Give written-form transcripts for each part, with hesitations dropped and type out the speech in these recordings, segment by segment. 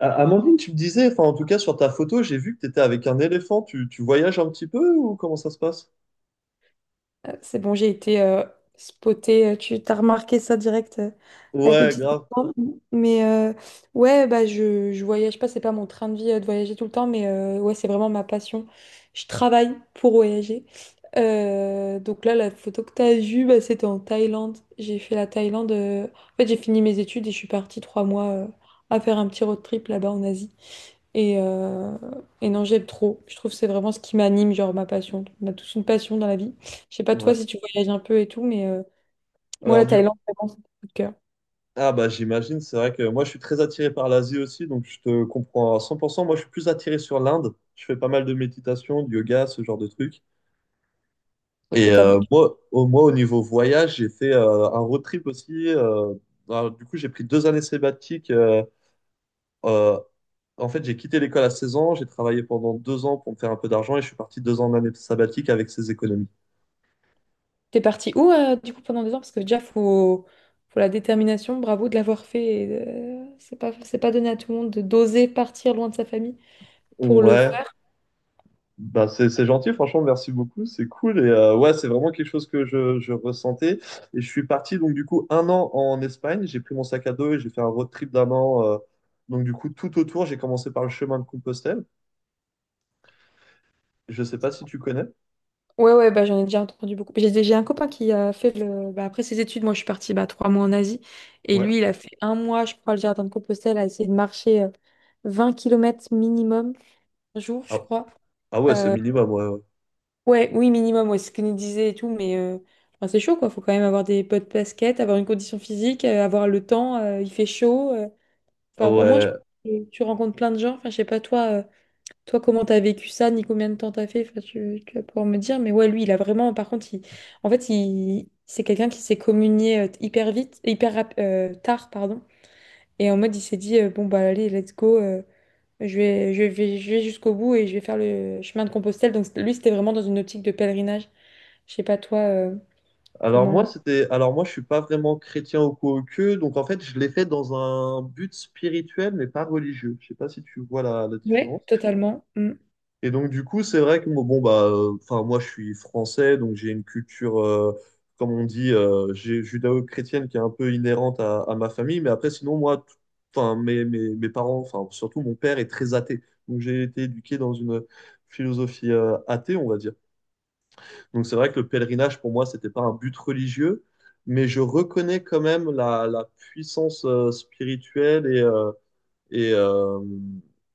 Amandine, tu me disais, enfin en tout cas sur ta photo, j'ai vu que tu étais avec un éléphant. Tu voyages un petit peu ou comment ça se passe? C'est bon, j'ai été spotée. Tu t'as remarqué ça direct avec mes Ouais, petites grave. enfants. Mais ouais, bah, je voyage pas, c'est pas mon train de vie de voyager tout le temps, mais ouais, c'est vraiment ma passion. Je travaille pour voyager. Donc là, la photo que t'as vue, bah, c'était en Thaïlande. J'ai fait la Thaïlande. En fait, j'ai fini mes études et je suis partie 3 mois à faire un petit road trip là-bas en Asie. Et, euh, et non, j'aime trop. Je trouve que c'est vraiment ce qui m'anime, genre ma passion. On a tous une passion dans la vie. Je sais pas toi Ouais. si tu voyages un peu et tout, mais moi Alors la du Thaïlande, vraiment, c'est mon coup de cœur. ah bah j'imagine, c'est vrai que moi je suis très attiré par l'Asie aussi, donc je te comprends à 100%. Moi je suis plus attiré sur l'Inde. Je fais pas mal de méditation, de yoga, ce genre de trucs. Et Et t'as vu- moi, au niveau voyage, j'ai fait un road trip aussi. Alors, du coup, j'ai pris 2 années sabbatiques. Euh, En fait, j'ai quitté l'école à 16 ans, j'ai travaillé pendant 2 ans pour me faire un peu d'argent et je suis parti 2 ans en année sabbatique avec ces économies. T'es parti où du coup pendant 2 ans? Parce que déjà, faut la détermination, bravo de l'avoir fait. Et, c'est pas donné à tout le monde de d'oser partir loin de sa famille pour le Ouais, faire. bah c'est gentil, franchement, merci beaucoup, c'est cool. Et ouais, c'est vraiment quelque chose que je ressentais. Et je suis parti donc du coup un an en Espagne, j'ai pris mon sac à dos et j'ai fait un road trip d'un an. Donc du coup, tout autour, j'ai commencé par le chemin de Compostelle. Je sais pas si tu connais. Ouais, ouais, bah, j'en ai déjà entendu beaucoup. J'ai un copain qui a fait le. Bah, après ses études, moi je suis partie bah, 3 mois en Asie. Et Ouais. lui, il a fait un mois, je crois, le jardin de Compostelle, à essayer de marcher 20 km minimum par jour, je Ah, crois. ah ouais, c'est Euh, minimum, ouais. Ouais. Ouais, oui, minimum, ouais, c'est ce qu'il nous disait et tout, mais enfin, c'est chaud, quoi. Faut quand même avoir des pots de basket, avoir une condition physique, avoir le temps, il fait chaud. Enfin, au moins, je Ouais. pense que tu rencontres plein de gens. Enfin, je sais pas, toi, comment t'as vécu ça, ni combien de temps t'as fait, enfin, tu vas pouvoir me dire. Mais ouais, lui, il a vraiment, par contre, il, en fait, il, c'est quelqu'un qui s'est communié hyper vite, tard, pardon. Et en mode, il s'est dit, bon, bah, allez, let's go. Je vais jusqu'au bout et je vais faire le chemin de Compostelle. Donc, lui, c'était vraiment dans une optique de pèlerinage. Je sais pas toi Alors moi, comment. c'était, alors moi, je suis pas vraiment chrétien au coup au que, donc en fait, je l'ai fait dans un but spirituel, mais pas religieux. Je sais pas si tu vois la différence. Ouais, totalement. Mm. Et donc du coup, c'est vrai que moi, bon bah, enfin moi, je suis français, donc j'ai une culture, comme on dit, judéo-chrétienne qui est un peu inhérente à ma famille. Mais après, sinon moi, enfin mes parents, enfin surtout mon père est très athée, donc j'ai été éduqué dans une philosophie athée, on va dire. Donc c'est vrai que le pèlerinage, pour moi, c'était pas un but religieux, mais je reconnais quand même la puissance spirituelle et, euh,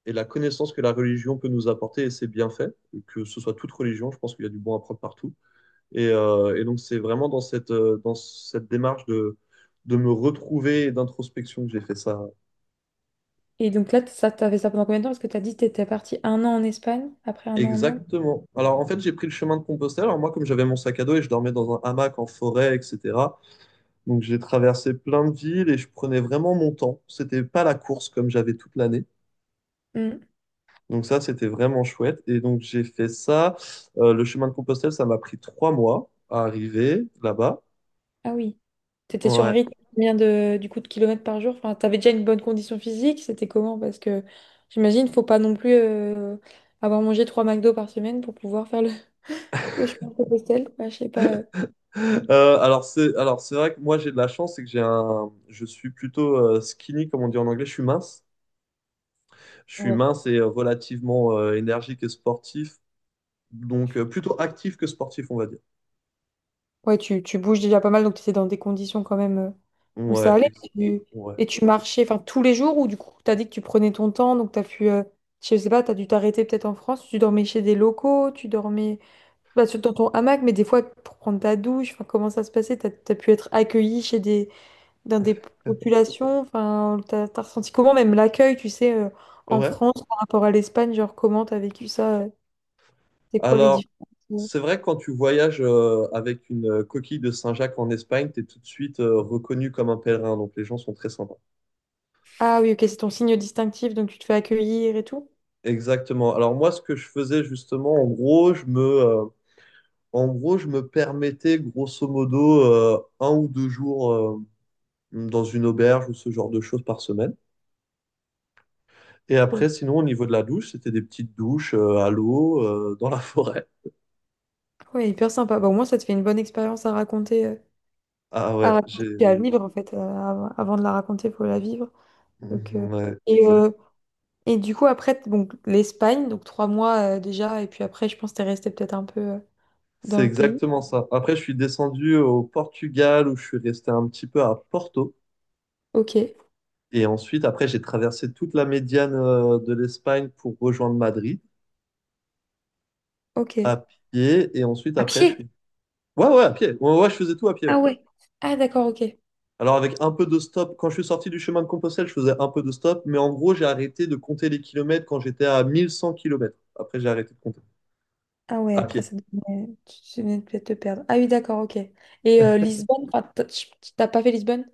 et la connaissance que la religion peut nous apporter et ses bienfaits, que ce soit toute religion, je pense qu'il y a du bon à prendre partout. Et donc c'est vraiment dans cette démarche de me retrouver et d'introspection que j'ai fait ça. Et donc là, ça, t'as fait ça pendant combien de temps? Parce que t'as dit que t'étais partie un an en Espagne, après un an en Inde. Exactement. Alors en fait, j'ai pris le chemin de Compostelle. Alors moi, comme j'avais mon sac à dos et je dormais dans un hamac en forêt, etc. Donc j'ai traversé plein de villes et je prenais vraiment mon temps. C'était pas la course comme j'avais toute l'année. Mm. Donc ça, c'était vraiment chouette. Et donc j'ai fait ça. Le chemin de Compostelle, ça m'a pris 3 mois à arriver là-bas. Ah oui. T'étais sur un Ouais. rythme de combien de du coup de kilomètres par jour? Enfin, t'avais déjà une bonne condition physique, c'était comment? Parce que j'imagine, faut pas non plus avoir mangé trois McDo par semaine pour pouvoir faire le chemin de Compostelle. Enfin, je sais pas. Alors c'est vrai que moi j'ai de la chance, c'est que j'ai un je suis plutôt skinny comme on dit en anglais, je suis mince. Je suis euh. mince et relativement énergique et sportif, donc plutôt actif que sportif, on va dire. Ouais, tu bouges déjà pas mal, donc tu étais dans des conditions quand même où ça Ouais, allait. Et tu, ouais. et tu marchais enfin, tous les jours ou du coup, tu as dit que tu prenais ton temps, donc tu as pu, je sais pas, tu as dû t'arrêter peut-être en France, tu dormais chez des locaux, tu dormais bah, dans ton hamac, mais des fois pour prendre ta douche, enfin, comment ça se passait? Tu as, pu être accueilli dans des populations, enfin, tu as, ressenti comment même l'accueil, tu sais, en Ouais. France par rapport à l'Espagne, genre comment tu as vécu ça? C'est quoi les Alors différences? euh c'est vrai que quand tu voyages avec une coquille de Saint-Jacques en Espagne, tu es tout de suite reconnu comme un pèlerin. Donc les gens sont très sympas. Ah oui, ok, c'est ton signe distinctif, donc tu te fais accueillir et tout. Exactement. Alors moi, ce que je faisais justement, en gros, je me permettais grosso modo un ou deux jours dans une auberge ou ce genre de choses par semaine. Et Ok. après, sinon, au niveau de la douche, c'était des petites douches à l'eau, dans la forêt. Ouais, hyper sympa. Bah, au moins, ça te fait une bonne expérience Ah ouais, à raconter, puis à vivre en fait. Avant de la raconter, il faut la vivre. Donc, Ouais, et, euh, et du coup, après, donc, l'Espagne, donc 3 mois déjà, et puis après, je pense que t'es resté peut-être un peu dans c'est le pays. exactement ça. Après, je suis descendu au Portugal où je suis resté un petit peu à Porto. Ok, Et ensuite, après, j'ai traversé toute la médiane de l'Espagne pour rejoindre Madrid ok. à pied. Et ensuite, À après, je pied? suis... Ouais, ouais, à pied. Ouais, ouais, je faisais tout à pied. Ouais. Ah ouais. Ah, d'accord, ok. Alors, avec un peu de stop, quand je suis sorti du chemin de Compostelle, je faisais un peu de stop. Mais en gros, j'ai arrêté de compter les kilomètres quand j'étais à 1 100 kilomètres. Après, j'ai arrêté de compter Ah ouais, à après, pied. ça devenait, tu venais de peut-être te perdre. Ah oui, d'accord, ok. Et Lisbonne, enfin, t'as pas fait Lisbonne?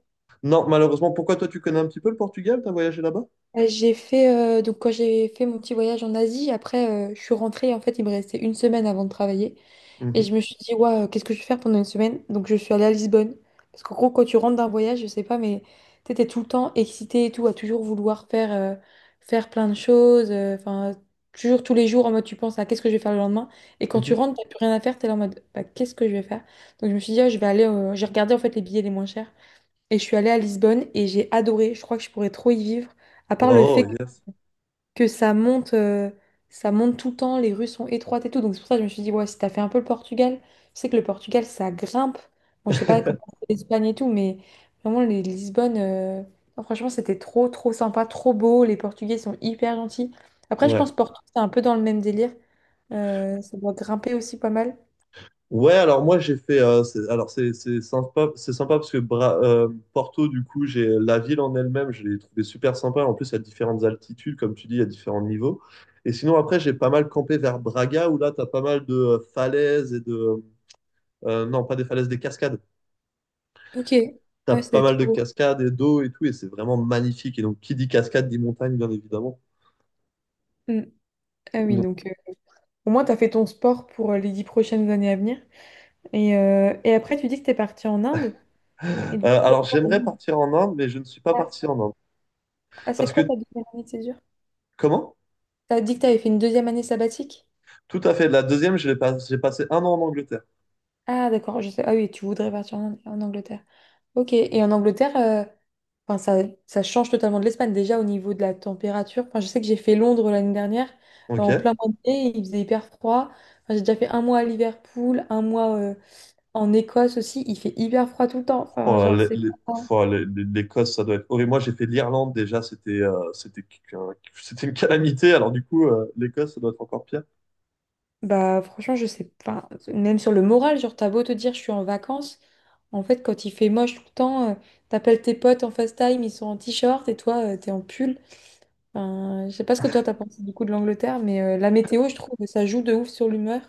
Non, malheureusement, pourquoi toi, tu connais un petit peu le Portugal? T'as voyagé là-bas? J'ai fait Donc quand j'ai fait mon petit voyage en Asie, après je suis rentrée. En fait, il me restait une semaine avant de travailler et je Mhm, me suis dit: waouh, qu'est-ce que je vais faire pendant une semaine? Donc je suis allée à Lisbonne, parce qu'en gros, quand tu rentres d'un voyage, je sais pas, mais tu étais tout le temps excitée et tout, à toujours vouloir faire plein de choses, enfin, toujours, tous les jours, en mode tu penses à: qu'est-ce que je vais faire le lendemain? Et quand tu mhm. rentres, t'as plus rien à faire, t'es là en mode bah, qu'est-ce que je vais faire? Donc je me suis dit: Ah, je vais aller, j'ai regardé en fait les billets les moins chers et je suis allée à Lisbonne et j'ai adoré, je crois que je pourrais trop y vivre, à part le Oh, fait yes. que ça monte tout le temps, les rues sont étroites et tout. Donc c'est pour ça que je me suis dit, ouais, si t'as fait un peu le Portugal, je sais que le Portugal, ça grimpe. Bon, je sais pas comment c'est l'Espagne et tout, mais vraiment, non, franchement, c'était trop, trop sympa, trop beau. Les Portugais sont hyper gentils. Après, je Ouais. pense Porto, c'est un peu dans le même délire. Ça doit grimper aussi pas mal. Ouais, alors moi j'ai fait. C'est- alors c'est sympa, c'est sympa parce que Porto, du coup, j'ai la ville en elle-même, je l'ai trouvé super sympa. En plus, à différentes altitudes, comme tu dis, à différents niveaux. Et sinon, après, j'ai pas mal campé vers Braga où là, t'as pas mal de falaises et de. Non, pas des falaises, des cascades. Ok, ah T'as ouais, pas c'était mal de trop beau. cascades et d'eau et tout, et c'est vraiment magnifique. Et donc, qui dit cascade dit montagne, bien évidemment. Mm. Ah oui, donc au moins, t'as fait ton sport pour les 10 prochaines années à venir. Et après, tu dis que t'es parti en Inde. Et du coup, Alors, pourquoi en j'aimerais Inde? partir en Inde, mais je ne suis pas Ah, parti en Inde. ah, c'est Parce quoi que, ta deuxième année de césure? comment? T'as dit que t'avais fait une deuxième année sabbatique? Tout à fait. La deuxième, je l'ai pas- j'ai passé un an en Angleterre. Ah, d'accord, je sais. Ah oui, tu voudrais partir en Angleterre. Ok, et en Angleterre, enfin, ça change totalement de l'Espagne, déjà au niveau de la température. Enfin, je sais que j'ai fait Londres l'année dernière, Ok. en plein mois de mai, il faisait hyper froid. Enfin, j'ai déjà fait un mois à Liverpool, un mois en Écosse aussi, il fait hyper froid tout le temps. Oh Enfin, là, genre, c'est pas. oh, les- l'Écosse, ça doit être horrible. Moi, j'ai fait l'Irlande déjà, qu'un- c'était une calamité. Alors du coup, l'Écosse, ça doit être encore pire. Bah franchement, je sais pas. Même sur le moral, genre t'as beau te dire je suis en vacances, en fait quand il fait moche tout le temps, t'appelles tes potes en FaceTime, ils sont en t-shirt et toi t'es en pull. Enfin, je sais pas ce que toi t'as pensé du coup de l'Angleterre, mais la météo, je trouve que ça joue de ouf sur l'humeur,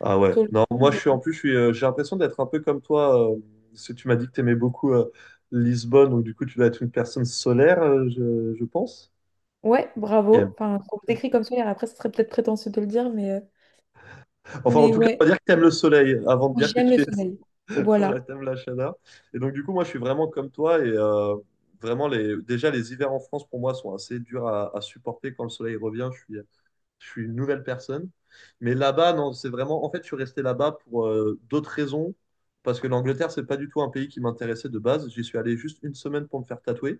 Ah ouais. sur le Non, moi, je mood. suis en plus, je suis, j'ai l'impression d'être un peu comme toi. Parce tu m'as dit que t'aimais beaucoup Lisbonne, donc du coup, tu dois être une personne solaire, je pense. Ouais, Qui aime. bravo. Enfin, on décrit comme ça, après ce serait peut-être prétentieux de le dire, mais euh, Enfin, en mais tout cas, on ouais, va dire que t'aimes le soleil avant de oui dire que j'aime le tu es. soleil. Voilà. Voilà, t'aimes la chaleur. Et donc du coup, moi, je suis vraiment comme toi et vraiment les. Déjà, les hivers en France pour moi sont assez durs à supporter quand le soleil revient. Je suis une nouvelle personne. Mais là-bas, non, c'est vraiment. En fait, je suis resté là-bas pour d'autres raisons. Parce que l'Angleterre, c'est pas du tout un pays qui m'intéressait de base. J'y suis allé juste une semaine pour me faire tatouer.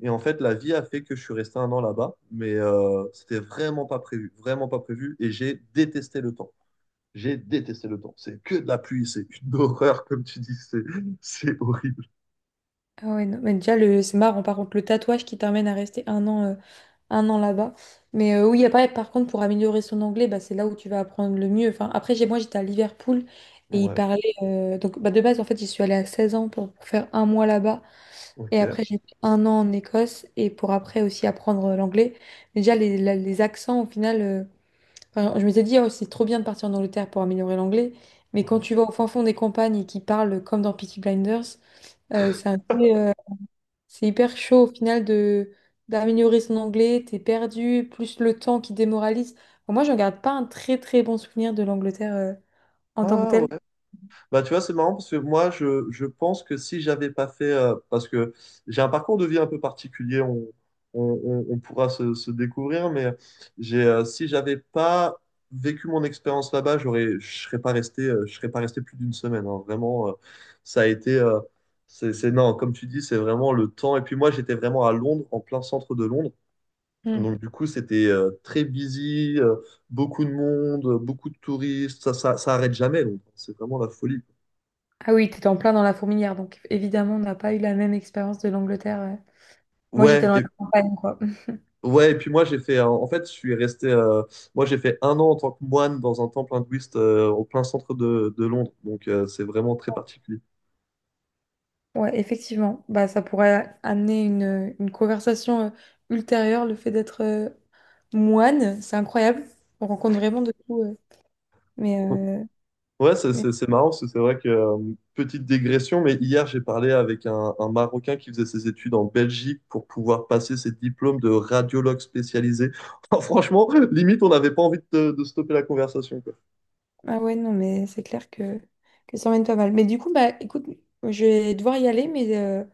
Et en fait, la vie a fait que je suis resté un an là-bas. Mais c'était vraiment pas prévu. Vraiment pas prévu. Et j'ai détesté le temps. J'ai détesté le temps. C'est que de la pluie. C'est une horreur, comme tu dis. C'est horrible. Ah ouais, non, mais déjà c'est marrant par contre le tatouage qui t'amène à rester un an là-bas. Mais oui, après, par contre, pour améliorer son anglais, bah, c'est là où tu vas apprendre le mieux. Enfin, après, j'étais à Liverpool et ils Ouais. parlaient. Donc, bah, de base, en fait, j'y suis allée à 16 ans pour faire un mois là-bas. Et Ok. après, j'ai fait un an en Écosse et pour après aussi apprendre l'anglais. Mais déjà, les accents, au final, enfin, je m'étais dit, oh, c'est trop bien de partir en Angleterre pour améliorer l'anglais. Mais quand Ouais. tu vas au fin fond des campagnes et qu'ils parlent comme dans Peaky Blinders, c'est un peu. C'est hyper chaud au final de d'améliorer son anglais, t'es perdu, plus le temps qui démoralise. Bon, moi, je ne garde pas un très très bon souvenir de l'Angleterre en tant que Ah telle. ouais. Bah, tu vois, c'est marrant parce que moi, je pense que si j'avais pas fait, parce que j'ai un parcours de vie un peu particulier, on pourra se découvrir, mais si j'avais pas vécu mon expérience là-bas, je serais pas resté, je serais pas resté plus d'une semaine. Hein. Vraiment, ça a été, c'est, non, comme tu dis, c'est vraiment le temps. Et puis moi, j'étais vraiment à Londres, en plein centre de Londres. Hmm. Donc du coup, c'était très busy, beaucoup de monde, beaucoup de touristes. Ça arrête jamais. Londres. C'est vraiment la folie. Ah oui, t'étais en plein dans la fourmilière, donc évidemment, on n'a pas eu la même expérience de l'Angleterre. Moi, j'étais Ouais, dans la campagne, quoi. ouais, et puis moi j'ai fait, en fait je suis resté, moi j'ai fait un an en tant que moine dans un temple hindouiste au plein centre de Londres, donc c'est vraiment très particulier. Ouais, effectivement, bah, ça pourrait amener une conversation ultérieure, le fait d'être moine, c'est incroyable. On rencontre vraiment de tout. Mais, euh, Ouais, c'est marrant, parce que c'est vrai que, petite digression, mais hier j'ai parlé avec un Marocain qui faisait ses études en Belgique pour pouvoir passer ses diplômes de radiologue spécialisé. Franchement, limite on n'avait pas envie de stopper la conversation, quoi. Ah ouais, non, mais c'est clair que ça emmène pas mal. Mais du coup, bah écoute, je vais devoir y aller, mais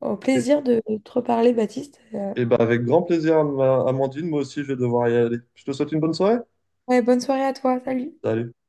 au Et, plaisir de te reparler, Baptiste. Et ben avec grand plaisir, Amandine, moi aussi je vais devoir y aller. Je te souhaite une bonne soirée. Ouais, bonne soirée à toi, salut. Salut.